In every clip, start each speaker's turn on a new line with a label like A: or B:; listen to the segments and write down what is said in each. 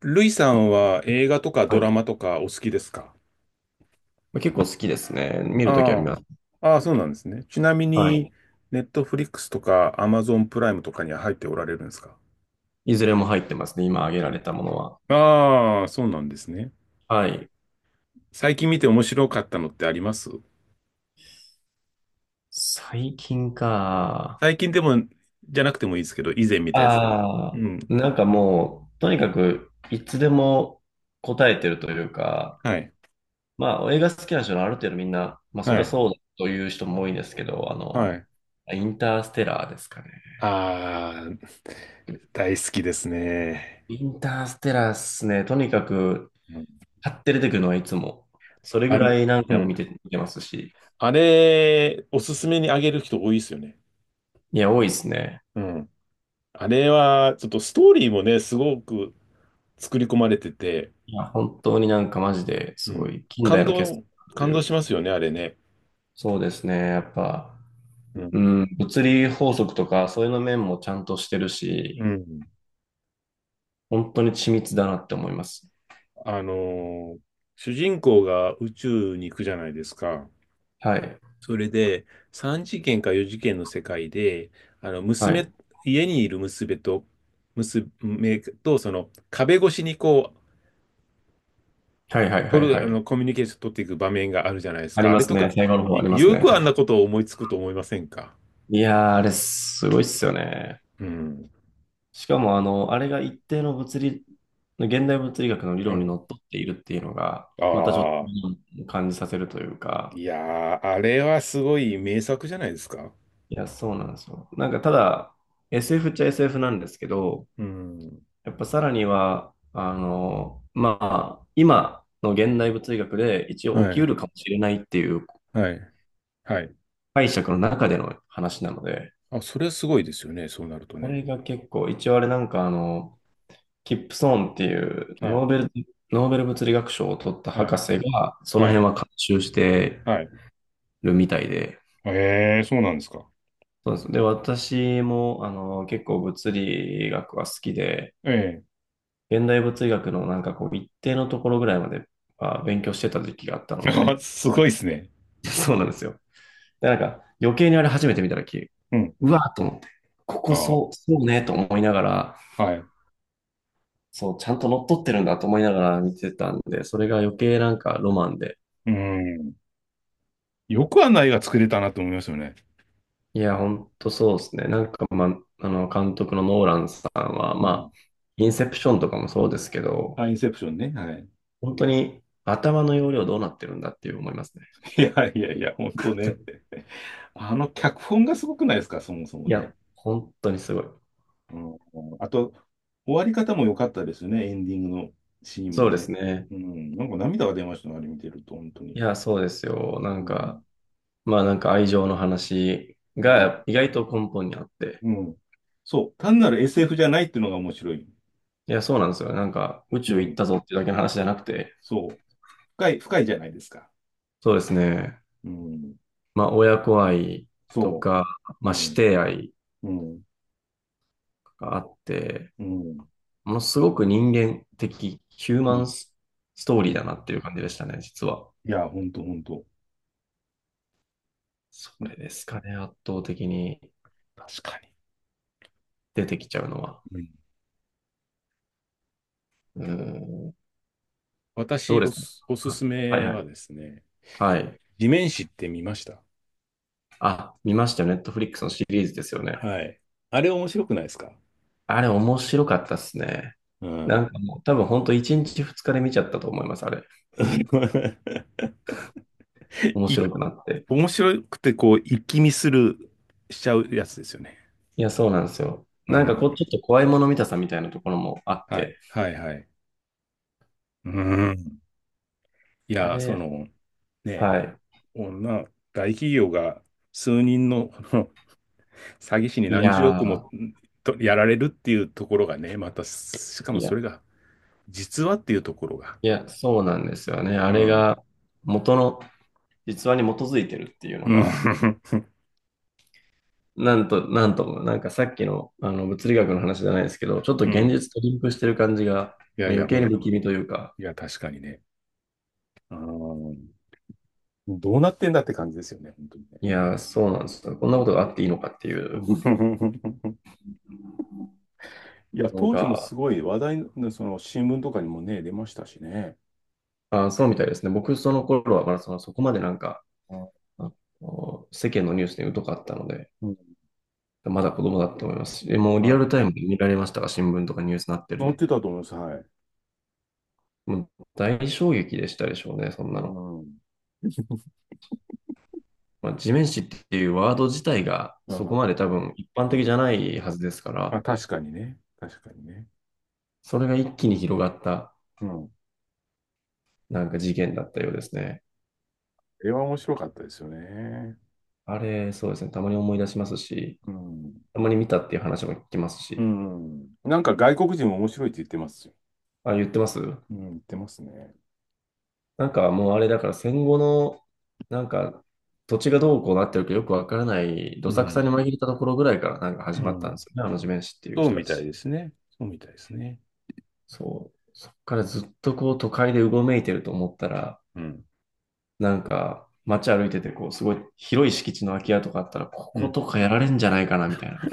A: ルイさんは映画とか
B: は
A: ド
B: い。
A: ラマとかお好きですか？
B: 結構好きですね。見るときは見
A: あ
B: ます。
A: あ、ああ、そうなんですね。ちなみ
B: は
A: に、
B: い。
A: ネットフリックスとかアマゾンプライムとかには入っておられるんですか？
B: いずれも入ってますね。今挙げられたものは。
A: ああ、そうなんですね。
B: はい。
A: 最近見て面白かったのってあります？
B: 最近か。
A: 最近でも、じゃなくてもいいですけど、以前見たやつでも。
B: ああ、
A: うん。
B: なんかもう、とにかく、いつでも答えてるというか、
A: はい。
B: まあ、映画好きな人のある程度みんな、まあ、そ
A: は
B: りゃ
A: い。
B: そうだという人も多いんですけど、
A: はい。
B: インターステラーですかね。
A: ああ、大好きですね。
B: インターステラーっすね。とにかく、
A: うん。
B: 買って出てくるのはいつも。それぐ
A: あ
B: ら
A: れ、
B: い何
A: う
B: 回も見
A: ん。
B: て、ますし。
A: あれ、おすすめにあげる人多いですよね。
B: いや、多いですね。
A: うん。あれは、ちょっとストーリーもね、すごく作り込まれてて、
B: いや、本当にマジで
A: う
B: すご
A: ん。
B: い近
A: 感
B: 代の傑
A: 動、
B: 作とい
A: 感動し
B: う。
A: ますよね、あれね。
B: そうですね。やっぱ、
A: うん。
B: うん、物理法則とかそういうの面もちゃんとしてる
A: う
B: し、
A: ん。
B: 本当に緻密だなって思います。
A: あのー主人公が宇宙に行くじゃないですか。
B: はい。
A: それで、3次元か4次元の世界で、あの、
B: は
A: 娘、
B: い。
A: 家にいる娘と、壁越しにこう、
B: はいはいはい
A: 取
B: は
A: る、あ
B: い。
A: の、コミュニケーション取っていく場面があるじゃないです
B: あり
A: か。あ
B: ま
A: れ
B: す
A: と
B: ね。
A: か、
B: 最後の方あります
A: よ
B: ね。
A: くあんなことを思いつくと思いませんか？
B: いやー、あれすごいっすよね。
A: うん。
B: しかもあれが一定の物理、現代物理学の理
A: う
B: 論に
A: ん。
B: のっとっているっていうのが、またちょっ
A: ああ、
B: と感じさせるというか、
A: いやー、あれはすごい名作じゃないですか。
B: いや、そうなんですよ。ただ、SF っちゃ SF なんですけど、
A: うん。
B: やっぱさらには、今の現代物理学で一
A: は
B: 応起きう
A: い、
B: るかもしれないっていう
A: はい、はい。
B: 解釈の中での話なので、
A: あ、それはすごいですよね、そうなると
B: こ
A: ね。
B: れが結構、一応あれなんかあの、キップソーンっていう
A: はい、
B: ノーベル物理学賞を取った
A: は
B: 博
A: い、
B: 士が、その
A: は
B: 辺
A: い、
B: は監修して
A: はい。
B: るみたいで、
A: ええ、そうなんですか。
B: そうです。で、私も、結構物理学は好きで、
A: え
B: 現代物理学のなんかこう一定のところぐらいまで、まあ、勉強してた時期があった
A: え。
B: の
A: あ、
B: で、
A: すごいですね。
B: そうなんですよ。で、なんか余計にあれ初めて見た時、
A: うん。
B: うわーと思って、ここ
A: あ、
B: そう、そうねと思いながら、
A: はい。
B: そう、ちゃんと乗っ取ってるんだと思いながら見てたんで、それが余計なんかロマンで。
A: うん。よくあんな映画作れたなと思いますよね。
B: いや、ほんとそうですね。監督のノーランさんは、
A: う
B: ま
A: ん。
B: あ、インセプションとかもそうですけど、
A: あ、インセプションね。はい。
B: 本当に頭の容量どうなってるんだっていう思いますね。
A: いやいやいや、ほんとね。あの脚本がすごくないですか、そもそも
B: い
A: ね。
B: や、本当にすごい。
A: うん、あと、終わり方も良かったですね、エンディングのシーン
B: そ
A: も
B: うです
A: ね。
B: ね。
A: うん、なんか涙が出ましたね、あれ見てると、本当
B: い
A: に。
B: や、そうですよ。
A: うん、
B: まあなんか愛情の話
A: うん、
B: が意外と根本にあって。
A: うん。そう、単なる SF じゃないっていうのが面白い。
B: いや、そうなんですよ。なんか宇
A: う
B: 宙行っ
A: ん、
B: たぞっていうだけの話じゃなくて、
A: そう、深い、深いじゃないですか。
B: そうですね。
A: うん、
B: まあ親子愛と
A: そ
B: か、
A: う、
B: ま
A: う
B: あ師
A: ん、
B: 弟愛
A: うん、
B: があって、
A: うん、
B: ものすごく人間的ヒュー
A: う
B: マ
A: ん、
B: ンスト
A: う
B: ーリーだ
A: ん。
B: なっていう感じでしたね、実は。
A: いや、本当本当。
B: そ
A: うん。
B: れですかね、圧倒的に
A: 確かに。
B: 出てきちゃうのは。
A: うん。
B: うー
A: もう。
B: ん、ど
A: 私、
B: うですか？
A: おす
B: は
A: す
B: はい
A: め
B: は
A: は
B: い。
A: ですね、
B: はい。
A: 地面師って見ました？
B: あ、見ましたよ。ネットフリックスのシリーズですよね。
A: はい。あれ面白くないですか？
B: あれ面白かったっすね。
A: う
B: なん
A: ん。
B: かもう多分本当1日2日で見ちゃったと思います、あれ。面
A: い、
B: 白くなって。
A: 面白くて、こう、一気見する、しちゃうやつですよね。
B: いや、そうなんですよ。
A: う
B: なんかこ
A: ん。
B: う、ちょっと怖いもの見たさみたいなところもあっ
A: はい、
B: て。
A: はい、はい。うん。い
B: あ
A: や、
B: れ、
A: ね、
B: はい。
A: 女、大企業が数人の詐欺師に
B: い
A: 何十
B: や
A: 億も
B: ー、
A: とやられるっていうところがね、また、しかも
B: い
A: そ
B: や、
A: れが、実話っていうところが。
B: そうなんですよね。
A: う
B: あれ
A: ん。
B: が元の実話に基づいてるっていうの
A: うん。
B: が、なんと、なんとも、なんかさっきの、あの物理学の話じゃないですけど、ちょっと
A: う
B: 現
A: ん。
B: 実とリンクしてる感じが、
A: いや
B: まあ、
A: いや、
B: 余計に不気味というか、
A: いや、確かにね。あどうなってんだって感じですよね、本当にね。
B: いやー、そうなんですよ。こんなことがあっていいのかっていう。
A: いや、
B: の
A: 当時も
B: が、
A: すごい話題の、その新聞とかにもね、出ましたしね。
B: あ、そうみたいですね。僕、その頃はまだその、そこまでなんか、
A: あ、
B: あの世間のニュースに疎かったので、
A: うん。
B: まだ子供だと思いますし、えもう
A: は
B: リアル
A: い。
B: タイムで見られましたが、新聞とかニュースになってる
A: 載
B: の。
A: ってたと思います。はい。
B: もう大衝撃でしたでしょうね、そん
A: う
B: なの。
A: ん。う
B: まあ、地面師っていうワード自体が
A: ん。
B: そこまで多分一般
A: う
B: 的
A: ん。
B: じゃないはずですか
A: あ、
B: ら、
A: 確かにね。確かにね。
B: それが一気に広がった
A: うん。あ
B: なんか事件だったようですね。
A: は面白かったですよね。
B: あれ、そうですね、たまに思い出しますし、
A: うん。
B: たまに見たっていう話も聞きますし、
A: うん。なんか外国人も面白いって言ってますよ。
B: あ、言ってます？
A: うん、言ってますね。
B: なんかもうあれだから戦後の、なんか土地がどうこうなってるかよくわからない、ど
A: う
B: さくさ
A: ん。
B: に紛れたところぐらいからなんか始
A: う
B: まったん
A: ん。
B: ですよね、あの地面師っていう
A: そう
B: 人
A: み
B: た
A: たい
B: ち。
A: ですね。そうみたいですね。
B: そう。そっからずっとこう都会でうごめいてると思ったら、
A: うん。
B: なんか街歩いててこうすごい広い敷地の空き家とかあったら、こ
A: う
B: こ
A: ん。
B: とかやられんじゃないかなみたいな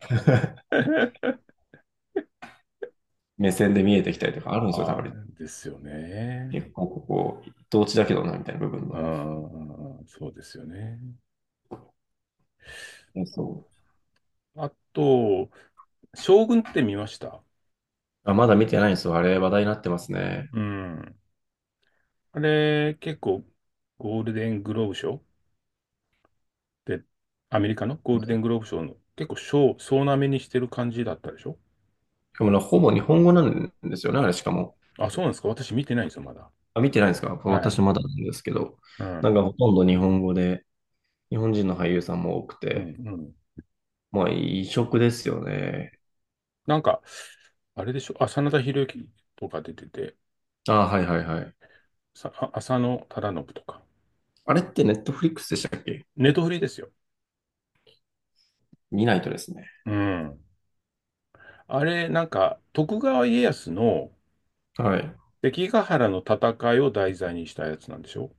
B: 目線で見えてきたりとかあるんですよ、
A: あ
B: た
A: あ、
B: まに。
A: ですよね。
B: 結構ここ同地だけどなみたいな部分の。
A: ああ、そうですよね。
B: そう。
A: あと、将軍って見ました？
B: あ、まだ見てないんですよ。あれ話題になってますね。
A: うん。あれ、結構、ゴールデングローブ賞で、アメリカのゴールデングローブ賞の結構賞、総なめにしてる感じだったでしょ？
B: しかもな、ほぼ日本語なんですよね、あれしかも。
A: あ、そうなんですか？私見てないんですよ、まだ。
B: あ、見てないですか？
A: はい。
B: 私まだなんですけど。
A: う
B: なん
A: ん。
B: かほとんど日本語で、日本人の俳優さんも多く
A: うん、う
B: て、
A: ん。
B: まあ異色ですよね。
A: なんか、あれでしょ？あ、真田広之とか出てて、
B: あ、はいはいはい。
A: あ、浅野忠信とか。
B: あれってネットフリックスでしたっけ？
A: ネトフリですよ。
B: 見ないとですね。
A: うん。あれ、なんか、徳川家康の、
B: はい。
A: 関ヶ原の戦いを題材にしたやつなんでしょ？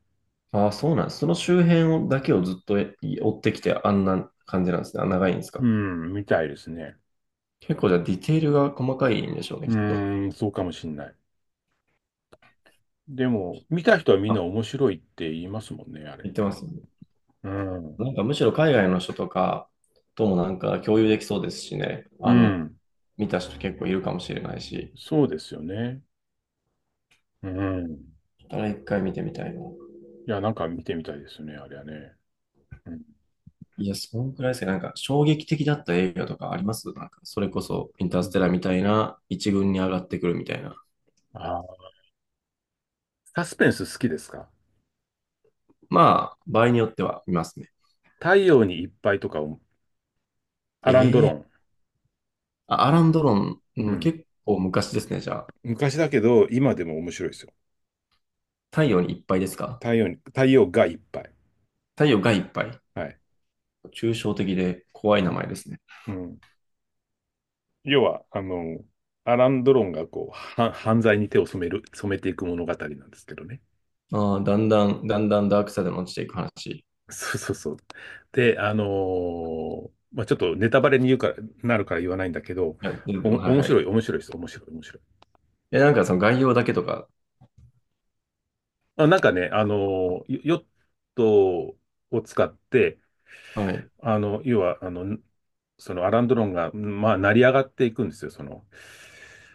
B: あ、そうなんです。その周辺をだけをずっとえ追ってきてあんな感じなんですね。あ長いんです
A: う
B: か？
A: ん、みたいですね。
B: 結構じゃあディテールが細かいんでしょうね、
A: う
B: きっと。
A: ーん、そうかもしんない。でも、見た人はみん
B: あ、
A: な面白いって言いますもんね、あれ。
B: 言ってますね。
A: うん。
B: なんかむしろ海外の人とかともなんか共有できそうですしね。
A: う
B: あの、
A: ん。
B: 見た人結構いるかもしれないし。
A: そうですよね。うん。
B: だから一回見てみたいな。
A: いや、なんか見てみたいですよね、あれはね。うん。
B: いや、そんくらいですね。なんか衝撃的だった映画とかあります？なんかそれこそインターステラーみたいな一軍に上がってくるみたいな。
A: あー、サスペンス好きですか？
B: まあ、場合によっては見ますね。
A: 太陽にいっぱいとか、ア
B: え
A: ランドロ
B: え、
A: ン。
B: あ、アラン・ドロン、う
A: う
B: ん
A: ん。
B: 結構昔ですね。じゃあ、
A: 昔だけど、今でも面白いですよ。
B: 太陽にいっぱいですか？
A: 太陽がいっぱい。
B: 太陽がいっぱい。
A: はい。
B: 抽象的で怖い
A: う
B: 名
A: ん。
B: 前ですね。
A: うん。要は、アラン・ドロンが犯罪に手を染める、染めていく物語なんですけどね。
B: ああ、だんだんダークサイドに落ちていく話。
A: そうそうそう。で、まあ、ちょっとネタバレに言うから、なるから言わないんだけど、
B: はい、全然はい
A: 面
B: は
A: 白
B: い。
A: い、面白いです。面白い、面白い。
B: え、なんかその概要だけとか。
A: あ、なんかね、ヨヨットを使って、
B: はい。
A: 要は、そのアラン・ドロンが、まあ、成り上がっていくんですよ、その、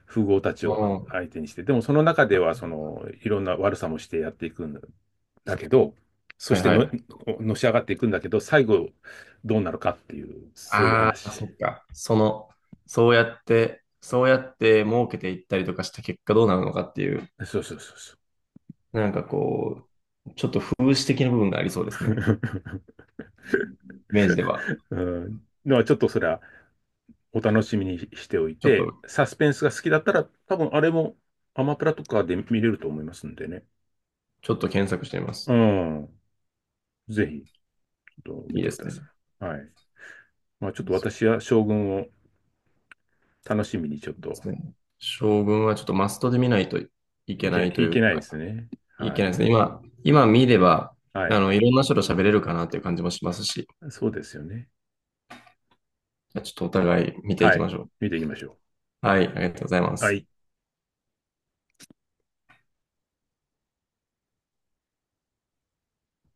A: 富豪たち
B: う
A: を
B: ん。
A: 相手にして。でも、その中では、いろんな悪さもしてやっていくんだけど、そ
B: はい
A: して
B: は
A: の、
B: い。
A: のし上がっていくんだけど、最後、どうなるかっていう、そういう
B: ああ、
A: 話。
B: そっか。その、そうやって儲けていったりとかした結果どうなるのかっていう、
A: そうそうそうそう。
B: なんかこう、ちょっと風刺的な部分がありそうですね。イメージでは。
A: うん。ちょっとそれは、お楽しみにしておい
B: ちょっ
A: て、
B: と、
A: サスペンスが好きだったら、多分、あれも、アマプラとかで見れると思いますんでね。
B: ちょっと検索してみま
A: う
B: す。
A: ん。ぜひ。と
B: い
A: 見
B: い
A: て
B: で
A: く
B: す
A: ださ
B: ね。
A: い。はい。まあ、ちょっと
B: そう
A: 私は将軍を楽しみにちょっ
B: で
A: と
B: すね。将軍はちょっとマストで見ないとい
A: い
B: け
A: け
B: な
A: な
B: いと
A: い、
B: い
A: い
B: う
A: けないで
B: か、
A: すね。
B: い
A: は
B: けないで
A: い。
B: すね。今見れば、
A: は
B: あ
A: い。
B: の、いろんな人と喋れるかなっていう感じもしますし、
A: そうですよね。
B: じゃあちょっとお互い見てい
A: は
B: き
A: い。
B: ましょう。
A: 見ていきましょ
B: はい、ありがとうございま
A: う。は
B: す。
A: い。